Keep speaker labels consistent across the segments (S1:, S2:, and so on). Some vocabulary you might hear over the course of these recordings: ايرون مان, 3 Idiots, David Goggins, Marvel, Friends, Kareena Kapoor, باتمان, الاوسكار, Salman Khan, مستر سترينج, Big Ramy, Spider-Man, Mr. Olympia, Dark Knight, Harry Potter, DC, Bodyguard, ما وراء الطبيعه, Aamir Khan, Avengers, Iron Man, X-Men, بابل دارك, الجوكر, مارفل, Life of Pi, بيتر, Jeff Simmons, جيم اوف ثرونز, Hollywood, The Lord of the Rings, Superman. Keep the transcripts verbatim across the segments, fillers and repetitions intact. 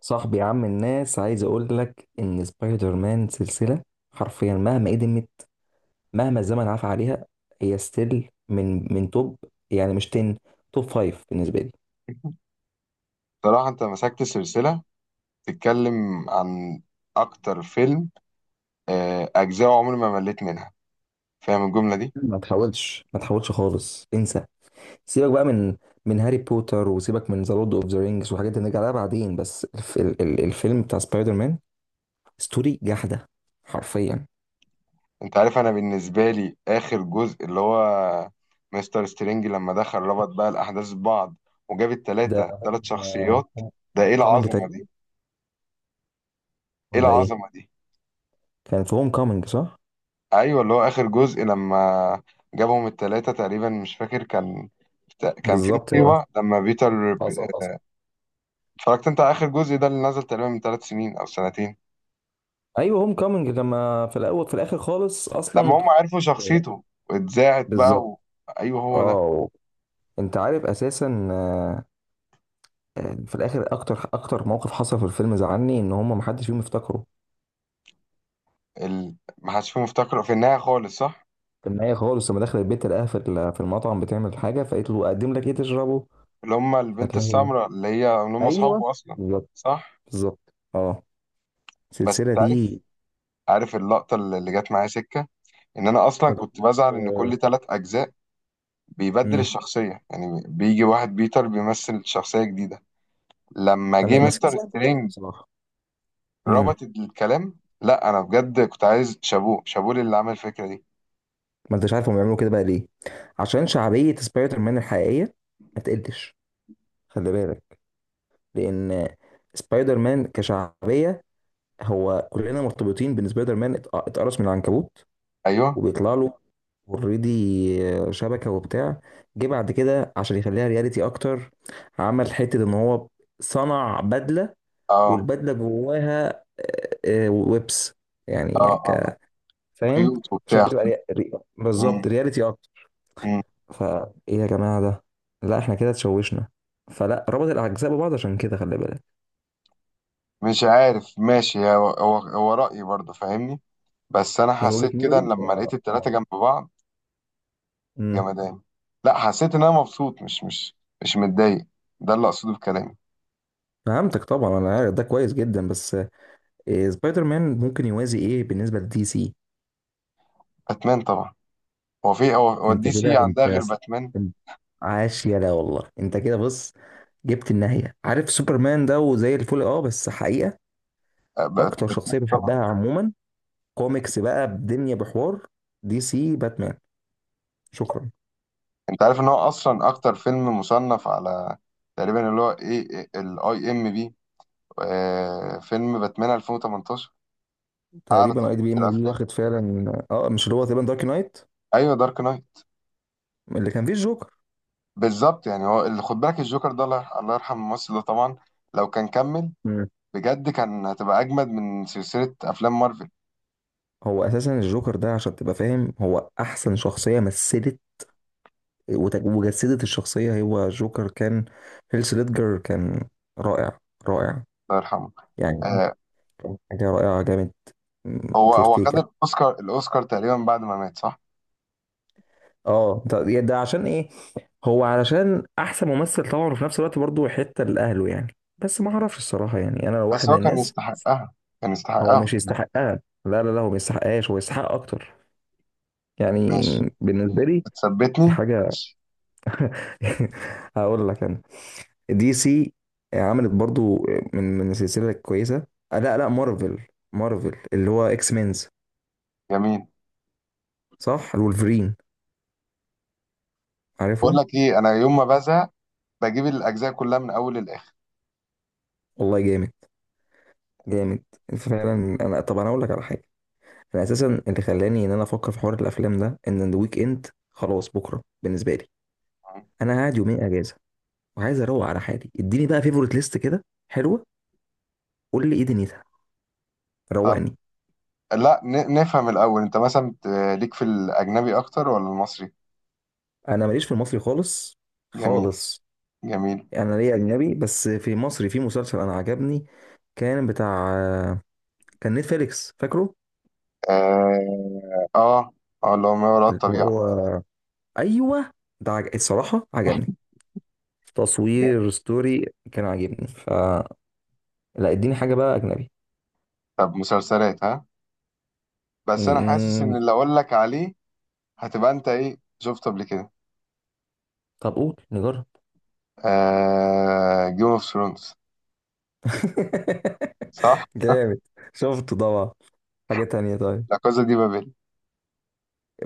S1: صاحبي، عم الناس، عايز اقول لك ان سبايدر مان سلسله، حرفيا مهما قدمت، مهما الزمن عفى عليها، هي ستيل من من توب. يعني مش عشرة، توب خمسة بالنسبه لي.
S2: صراحة أنت مسكت سلسلة بتتكلم عن أكتر فيلم، آه، أجزاء عمري ما مليت منها. فاهم الجملة دي؟
S1: ما تحاولش، ما تحاولش خالص، انسى. سيبك بقى من من هاري بوتر، وسيبك من ذا لورد اوف ذا رينجز، وحاجات دي نرجع لها بعدين. بس الف ال ال الفيلم بتاع سبايدر مان، ستوري جحده حرفيا.
S2: انت عارف، انا بالنسبه لي اخر جزء اللي هو مستر سترينج، لما دخل ربط بقى الاحداث ببعض وجاب التلاته
S1: ده
S2: تلات شخصيات. ده ايه
S1: هوم كومينج
S2: العظمه
S1: تقريبا،
S2: دي؟ ايه
S1: ولا ايه؟
S2: العظمه دي؟
S1: كان في هوم كومينج، صح؟
S2: ايوه، اللي هو اخر جزء لما جابهم التلاته، تقريبا مش فاكر. كان كان في
S1: بالظبط، اه.
S2: مصيبه لما بيتر.
S1: حصل.
S2: اتفرجت انت على اخر جزء ده، اللي نزل تقريبا من ثلاث سنين او سنتين؟
S1: ايوه، هوم كامنج، لما في الاول، في الاخر خالص اصلا.
S2: لما هم عرفوا
S1: إيه،
S2: شخصيته واتذاعت بقى
S1: بالظبط،
S2: و... ايوه هو ده.
S1: اه. انت عارف اساسا، آه، آه، في الاخر اكتر اكتر موقف حصل في الفيلم زعلني ان هم محدش فيهم افتكره.
S2: ال... ما حدش فيهم افتكره في النهايه خالص، صح؟
S1: في النهايه خالص، لما دخل البيت لقاها في ال- في المطعم بتعمل حاجه، فقالت له اقدم لك ايه تشربه.
S2: اللي هم البنت
S1: فتلاقي،
S2: السمراء، اللي هي اللي هم
S1: ايوه،
S2: اصحابه اصلا.
S1: بالظبط.
S2: صح.
S1: بالظبط، اه.
S2: بس
S1: السلسله
S2: تعرف،
S1: دي.
S2: عارف اللقطه اللي اللي جت معايا سكه، ان انا اصلا
S1: ما
S2: كنت
S1: تقوليش.
S2: بزعل ان
S1: آه،
S2: كل ثلاث اجزاء بيبدل
S1: امم.
S2: الشخصيه، يعني بيجي واحد بيتر بيمثل شخصيه جديده. لما جه
S1: تمام، بس في
S2: مستر
S1: زعل واحد
S2: سترينج
S1: بصراحه. امم
S2: ربط الكلام، لا انا بجد كنت عايز شابوه شابوه اللي عمل الفكره دي.
S1: ما انتش عارف هم بيعملوا كده بقى ليه؟ عشان شعبيه سبايدر مان الحقيقيه. ما تقلش، خلي بالك، لان سبايدر مان كشعبيه، هو كلنا مرتبطين بان سبايدر مان ات- اتقرص من العنكبوت،
S2: ايوه.
S1: وبيطلع له اوريدي شبكه وبتاع. جه بعد كده عشان يخليها رياليتي اكتر، عمل حته ان هو صنع بدله،
S2: اه،
S1: والبدله جواها آه، آه، ويبس.
S2: اه،
S1: يعني
S2: اه. آه.
S1: ك، فاهم؟
S2: خيوط
S1: عشان
S2: وبتاع.
S1: تبقى ري... ري...
S2: مم.
S1: بالظبط رياليتي اكتر.
S2: مم.
S1: فايه يا جماعه ده؟ لا، احنا كده اتشوشنا، فلا ربط الاجزاء ببعض، عشان كده خلي بالك.
S2: مش عارف، ماشي، هو هو هو رأيي برضه، فاهمني؟ بس انا
S1: من
S2: حسيت
S1: وجهة
S2: كده إن
S1: نظري
S2: لما لقيت
S1: صراحة
S2: التلاتة
S1: طبعا.
S2: جنب بعض
S1: امم
S2: جمدان. لا حسيت ان انا مبسوط، مش مش مش متضايق. ده اللي اقصده بكلامي.
S1: فهمتك طبعا، انا عارف ده كويس جدا. بس إيه سبايدر مان ممكن يوازي ايه بالنسبه لدي سي؟
S2: باتمان طبعا. هو في هو هو
S1: انت
S2: الدي
S1: كده
S2: سي عندها
S1: انت
S2: غير باتمان؟
S1: انت عاش، يلا والله، انت كده بص، جبت النهايه. عارف سوبرمان ده؟ وزي الفل، اه، بس حقيقه
S2: آه، بات-
S1: اكتر
S2: باتمان
S1: شخصيه
S2: طبعا.
S1: بحبها عموما كوميكس بقى بدنيا، بحوار دي سي، باتمان. شكرا.
S2: انت عارف ان هو اصلا اكتر فيلم مصنف على، تقريبا، اللي هو ايه، الاي ام بي. آه، فيلم باتمان ألفين وثمانية عشر اعلى
S1: تقريبا
S2: تقييم
S1: اي دي بي
S2: في
S1: ام دي،
S2: الافلام.
S1: واخد فعلا، اه، مش اللي هو تقريبا دارك نايت
S2: ايوه، دارك نايت.
S1: اللي كان فيه الجوكر.
S2: بالظبط، يعني هو اللي خد بالك الجوكر ده، الله يرح- الله يرحم الممثل ده طبعا. لو كان كمل، بجد كان هتبقى اجمد من سلسله افلام مارفل.
S1: هو اساسا الجوكر ده، عشان تبقى فاهم، هو احسن شخصيه مثلت وتج- وجسدت الشخصيه، هو جوكر. كان هيلث ليدجر، كان رائع، رائع،
S2: الله يرحمه.
S1: يعني.
S2: آه،
S1: كان حاجه رائعه، جامد. م،
S2: هو هو خد
S1: فورتيكا
S2: الاوسكار، الاوسكار تقريبا بعد ما مات، صح؟
S1: اه، ده يا ده عشان ايه؟ هو علشان احسن ممثل طبعا، وفي نفس الوقت برضه حته لاهله يعني، بس ما اعرفش الصراحه يعني، انا لو واحد
S2: بس
S1: من
S2: هو كان
S1: الناس.
S2: يستحقها، كان
S1: هو
S2: يستحقها.
S1: مش يستحقها؟ لا لا لا، هو ما يستحقهاش، هو يستحق اكتر يعني،
S2: ماشي.
S1: بالنسبه لي. دي
S2: بتثبتني.
S1: حاجه.
S2: ماشي.
S1: هقول لك انا، دي سي عملت برضو من من سلسلة كويسة. آه، لا لا، مارفل. مارفل اللي هو اكس مينز،
S2: جميل.
S1: صح؟ الولفرين،
S2: بقول
S1: عارفهم.
S2: لك ايه، انا يوم ما بزهق بجيب الاجزاء كلها من اول للاخر.
S1: والله جامد، جامد فعلا. انا، طب انا اقول لك على حاجة. انا اساسا اللي خلاني ان انا افكر في حوار الافلام ده، ان الويك اند خلاص بكرة بالنسبة لي، انا قاعد يومين اجازة، وعايز اروق على حالي. اديني بقى فيفورت ليست كده حلوة، قول لي ايه دنيتها،
S2: طب
S1: روقني.
S2: لا، ن- نفهم الاول، انت مثلا بت- ليك في الاجنبي اكتر ولا المصري؟
S1: انا ماليش في المصري خالص،
S2: جميل،
S1: خالص.
S2: جميل.
S1: انا ليه اجنبي، بس في مصري، في مسلسل انا عجبني، كان بتاع، كان نتفليكس، فاكره؟
S2: اه، اه. آه، اللي هو ما وراء
S1: اللي
S2: الطبيعه.
S1: هو، ايوه، ده عج... الصراحه عجبني،
S2: جامد.
S1: تصوير، ستوري، كان عاجبني. ف، لا، اديني حاجه بقى اجنبي.
S2: طب مسلسلات، ها؟ بس انا حاسس ان
S1: م-
S2: اللي اقول لك عليه هتبقى انت ايه شفته قبل كده.
S1: طب قول نجرب.
S2: آه جيم اوف ثرونز. صح.
S1: جامد، شفته طبعا. حاجه تانية طيب.
S2: لا كوزا دي بابل.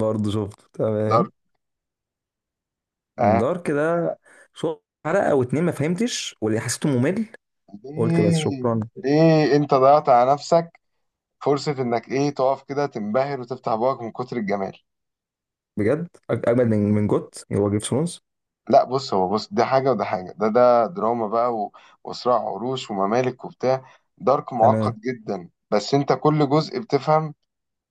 S1: برضه شفته، تمام.
S2: دارك. آه.
S1: دار كده، شفت حلقه او اتنين ما فهمتش، واللي حسيته ممل، قلت بس
S2: ليه؟
S1: شكرا.
S2: ليه انت ضيعت على نفسك فرصة انك ايه، تقف كده تنبهر وتفتح بقك من كتر الجمال؟
S1: بجد أج- اجمد من من جوت هو جيف سمونز.
S2: لا بص، هو بص، ده حاجة وده حاجة، ده ده دراما بقى و... وصراع عروش وممالك وبتاع. دارك معقد
S1: تمام.
S2: جدا، بس انت كل جزء بتفهم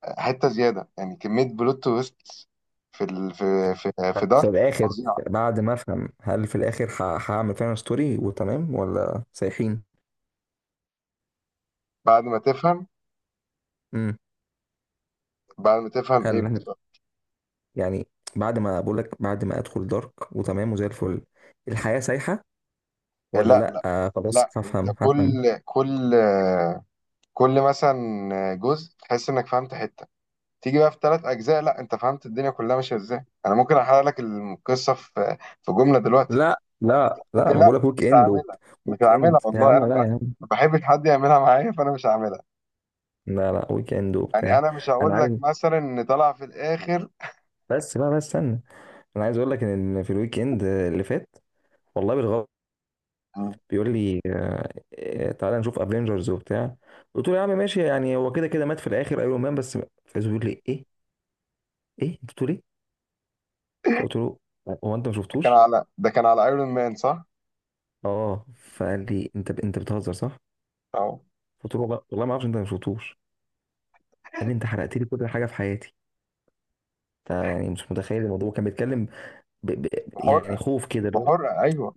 S2: حتة زيادة، يعني كمية بلوت تويست في ال... في في في
S1: طب في
S2: دارك
S1: الاخر،
S2: فظيعة.
S1: بعد ما افهم، هل في الاخر ه- هعمل فعلا ستوري وتمام، ولا سايحين؟
S2: بعد ما تفهم.
S1: امم
S2: بعد ما تفهم ايه
S1: هل
S2: بالظبط؟
S1: يعني، بعد ما بقول لك، بعد ما ادخل دارك وتمام وزي الفل، الحياه سايحه ولا
S2: لا،
S1: لا؟
S2: لا،
S1: آه خلاص،
S2: لا، انت
S1: هفهم هفهم.
S2: كل كل كل مثلا جزء تحس انك فهمت حته، تيجي بقى في ثلاث اجزاء لا انت فهمت الدنيا كلها ماشيه ازاي. انا ممكن احرق لك القصه في في جمله دلوقتي.
S1: لا لا
S2: قلت
S1: لا،
S2: لي
S1: ما
S2: لا،
S1: بقول لك ويك
S2: مش
S1: اند
S2: هعملها،
S1: وبت-
S2: مش
S1: ويك
S2: هعملها
S1: اند يا
S2: والله. انا
S1: عم،
S2: ما
S1: لا يا عم.
S2: ما بحبش حد يعملها معايا، فانا مش هعملها.
S1: لا لا، ويك اند
S2: يعني
S1: وبتاع.
S2: انا مش
S1: انا
S2: هقول لك
S1: عارف،
S2: مثلا ان طلع في الاخر.
S1: بس بقى، بس استنى، انا عايز اقول لك ان، إن في الويك اند اللي فات، والله بالغلط، بيقول لي إيه، تعالى نشوف افنجرز وبتاع. قلت له يا عم ماشي، يعني هو كده كده مات في الاخر ايرون مان بس. فايز بيقول لي ايه ايه، انت بتقول ايه؟ فقلت له، هو انت ما
S2: ده
S1: شفتوش؟
S2: كان على ده كان على ايرون مان، صح؟
S1: اه. فقال لي، انت انت بتهزر، صح؟
S2: اهو.
S1: قلت له، والله والله ما اعرفش، انت ما شفتوش؟ قال لي، انت حرقت لي كل حاجه في حياتي. انت يعني مش متخيل الموضوع، كان بيتكلم ب... ب... يعني
S2: بحرقه.
S1: خوف كده، اللي هو،
S2: بحرقه، ايوه.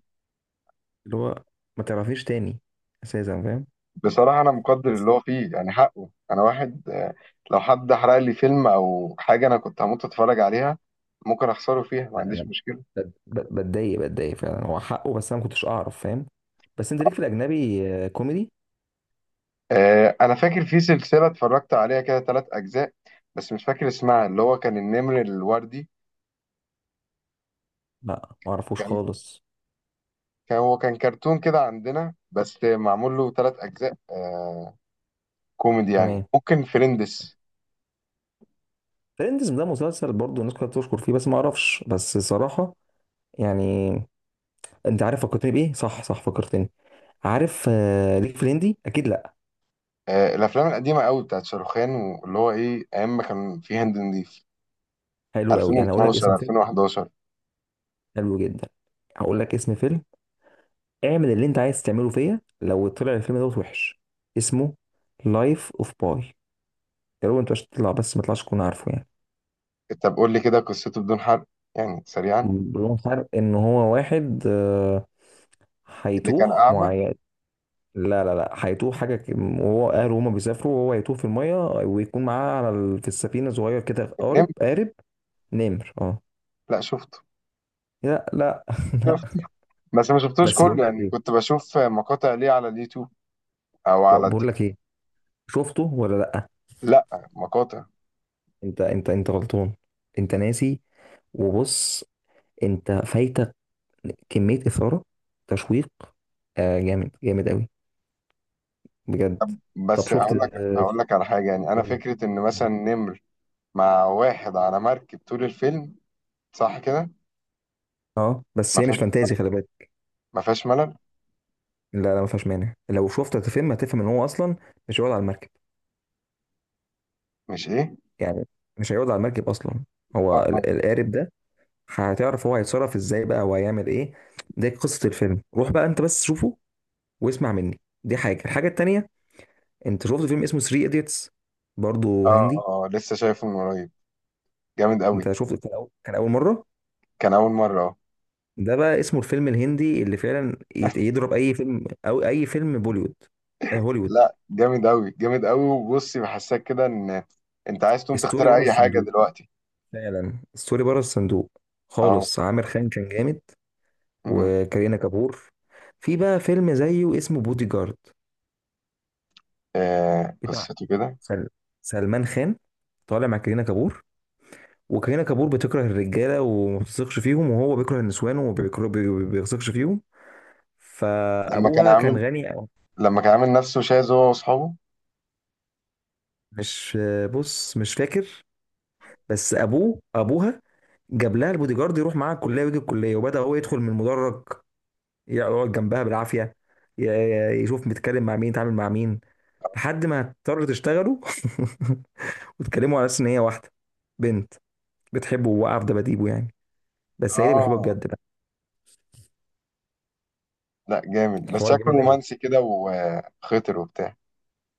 S1: اللي هو، ما تعرفيش تاني، اساسا، فاهم؟
S2: بصراحة أنا مقدر
S1: بس
S2: اللي هو فيه، يعني حقه، أنا واحد، آه، لو حد حرق لي فيلم أو حاجة أنا كنت هموت أتفرج عليها، ممكن أخسره فيها، ما عنديش
S1: لا،
S2: مشكلة.
S1: ب- ب- بتضايق، بتضايق فعلا، هو حقه، بس انا ما كنتش اعرف، فاهم؟ بس انت ليك في الاجنبي؟ آه، كوميدي.
S2: آه، أنا فاكر في سلسلة اتفرجت عليها كده تلات أجزاء، بس مش فاكر اسمها، اللي هو كان النمر الوردي.
S1: لا ما اعرفوش
S2: كان
S1: خالص.
S2: كان هو كان كرتون كده عندنا بس معمول له تلات أجزاء. آه، كوميدي، يعني
S1: تمام.
S2: ممكن فريندس.
S1: فريندز ده مسلسل، برضو الناس كلها بتشكر فيه، بس ما اعرفش بس صراحة، يعني. انت عارف فكرتني بايه؟ صح صح، فكرتني. عارف، آه، ليك في الهندي اكيد؟ لا،
S2: آه، الأفلام القديمة قوي بتاعت شاروخان، واللي هو إيه، أيام ما كان في هند نضيف،
S1: حلو قوي. يعني هقول لك اسم
S2: ألفين واتناشر،
S1: فيلم،
S2: ألفين وحداشر.
S1: حلو جدا. هقول لك اسم فيلم، اعمل اللي انت عايز تعمله فيا لو طلع الفيلم دوت وحش. اسمه لايف اوف باي. يا رب انت مش تطلع، بس ما تطلعش تكون عارفه يعني.
S2: طب قول لي كده قصته بدون حرق، يعني سريعا.
S1: بدون فرق، ان هو واحد، آه،
S2: اللي كان
S1: هيتوه
S2: أعمى.
S1: معين. لا لا لا، هيتوه حاجة ك- وهو أهله هما بيسافروا، وهو هيتوه في المية، ويكون معاه على ال... في السفينة صغير كده،
S2: نم.
S1: قارب، قارب، نمر، اه.
S2: لا شفته.
S1: لا لا لا.
S2: شفته بس ما شفتوش
S1: بس بقول
S2: كله،
S1: لك
S2: يعني
S1: ايه،
S2: كنت بشوف مقاطع ليه على اليوتيوب أو على
S1: ب- بقول
S2: التيك
S1: لك
S2: توك.
S1: ايه، شفته ولا لا؟
S2: لا، مقاطع.
S1: انت انت انت غلطان، انت ناسي، وبص، انت فايتك كمية إثارة، تشويق، آه جامد، جامد قوي، بجد. طب
S2: بس
S1: شفت،
S2: أقول لك
S1: اه.
S2: أقول لك على حاجة، يعني أنا فكرة إن مثلا نمر مع واحد على مركب طول الفيلم، صح كده؟
S1: اه، بس
S2: ما
S1: هي مش
S2: فيهاش،
S1: فانتازي، خلي بالك.
S2: ما فيهاش ملل.
S1: لا لا، ما فيهاش مانع، لو شفت الفيلم هتفهم ان هو اصلا مش هيقعد على المركب
S2: مش إيه؟
S1: يعني، مش هيقعد على المركب اصلا.
S2: آه،
S1: هو
S2: آه،
S1: ال- القارب ده، هتعرف هو هيتصرف ازاي بقى وهيعمل ايه. ده قصة الفيلم، روح بقى انت بس شوفه واسمع مني. دي حاجة. الحاجة التانية، انت شفت فيلم اسمه تلاتة ايديتس؟ برضو
S2: آه،
S1: هندي.
S2: آه، لسه شايفه من قريب، جامد قوي.
S1: انت شفت؟ كان اول، كان اول مرة.
S2: كان أول مرة، أه.
S1: ده بقى اسمه الفيلم الهندي اللي فعلا يت- يضرب اي فيلم، او اي فيلم بوليوود، آه، هوليوود.
S2: لا جامد قوي، جامد قوي، وبصي بحسك كده إن انت عايز تقوم
S1: ستوري
S2: تخترع
S1: بره
S2: اي حاجه
S1: الصندوق،
S2: دلوقتي.
S1: فعلا ستوري بره الصندوق
S2: اه.
S1: خالص. عامر خان كان جامد،
S2: مم.
S1: وكارينا كابور. في بقى فيلم زيه اسمه بودي جارد،
S2: آه،
S1: بتاع
S2: قصته كده.
S1: سل- سلمان خان، طالع مع كارينا كابور، وكارينا كابور بتكره الرجاله وما بتثقش فيهم، وهو بيكره النسوان وما بيكره- بي- بي- بيثقش فيهم.
S2: لما كان
S1: فابوها كان
S2: عامل
S1: غني أو،
S2: لما كان عامل نفسه شاذ هو واصحابه.
S1: مش، بص مش فاكر، بس ابوه ابوها جاب لها البودي جارد، يروح معاها الكليه ويجي الكليه، وبدا هو يدخل من المدرج، يقعد جنبها بالعافيه، ي- يشوف بيتكلم مع مين، يتعامل مع مين، لحد ما اضطروا تشتغلوا. بتكلموا على اساس ان هي واحده بنت بتحبه وواقعه في دباديبه يعني، بس هي اللي بتحبه
S2: اه.
S1: بجد بقى.
S2: لا جامد، بس
S1: الحوار
S2: شكله
S1: جامد قوي،
S2: رومانسي كده وخطر وبتاع.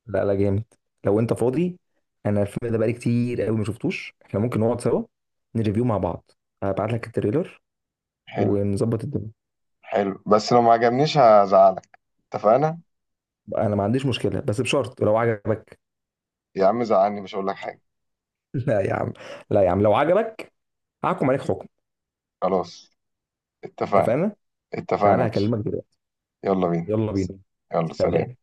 S1: لا لا جامد. لو انت فاضي، انا الفيلم ده بقالي كتير قوي ما شفتوش، احنا ممكن نقعد سوا نريفيو مع بعض. هبعت لك التريلر
S2: حلو.
S1: ونظبط الدنيا.
S2: حلو، بس لو ما عجبنيش هزعلك، اتفقنا؟
S1: انا ما عنديش مشكله، بس بشرط لو عجبك.
S2: يا عم زعلني مش هقول لك حاجه.
S1: لا يا عم، لا يا عم، لو عجبك هحكم عليك حكم.
S2: خلاص، اتفقنا.
S1: اتفقنا.
S2: اتفقنا يا
S1: تعالى
S2: باشا.
S1: هكلمك دلوقتي،
S2: يلا بينا.
S1: يلا بينا.
S2: يلا، سلام.
S1: سلام.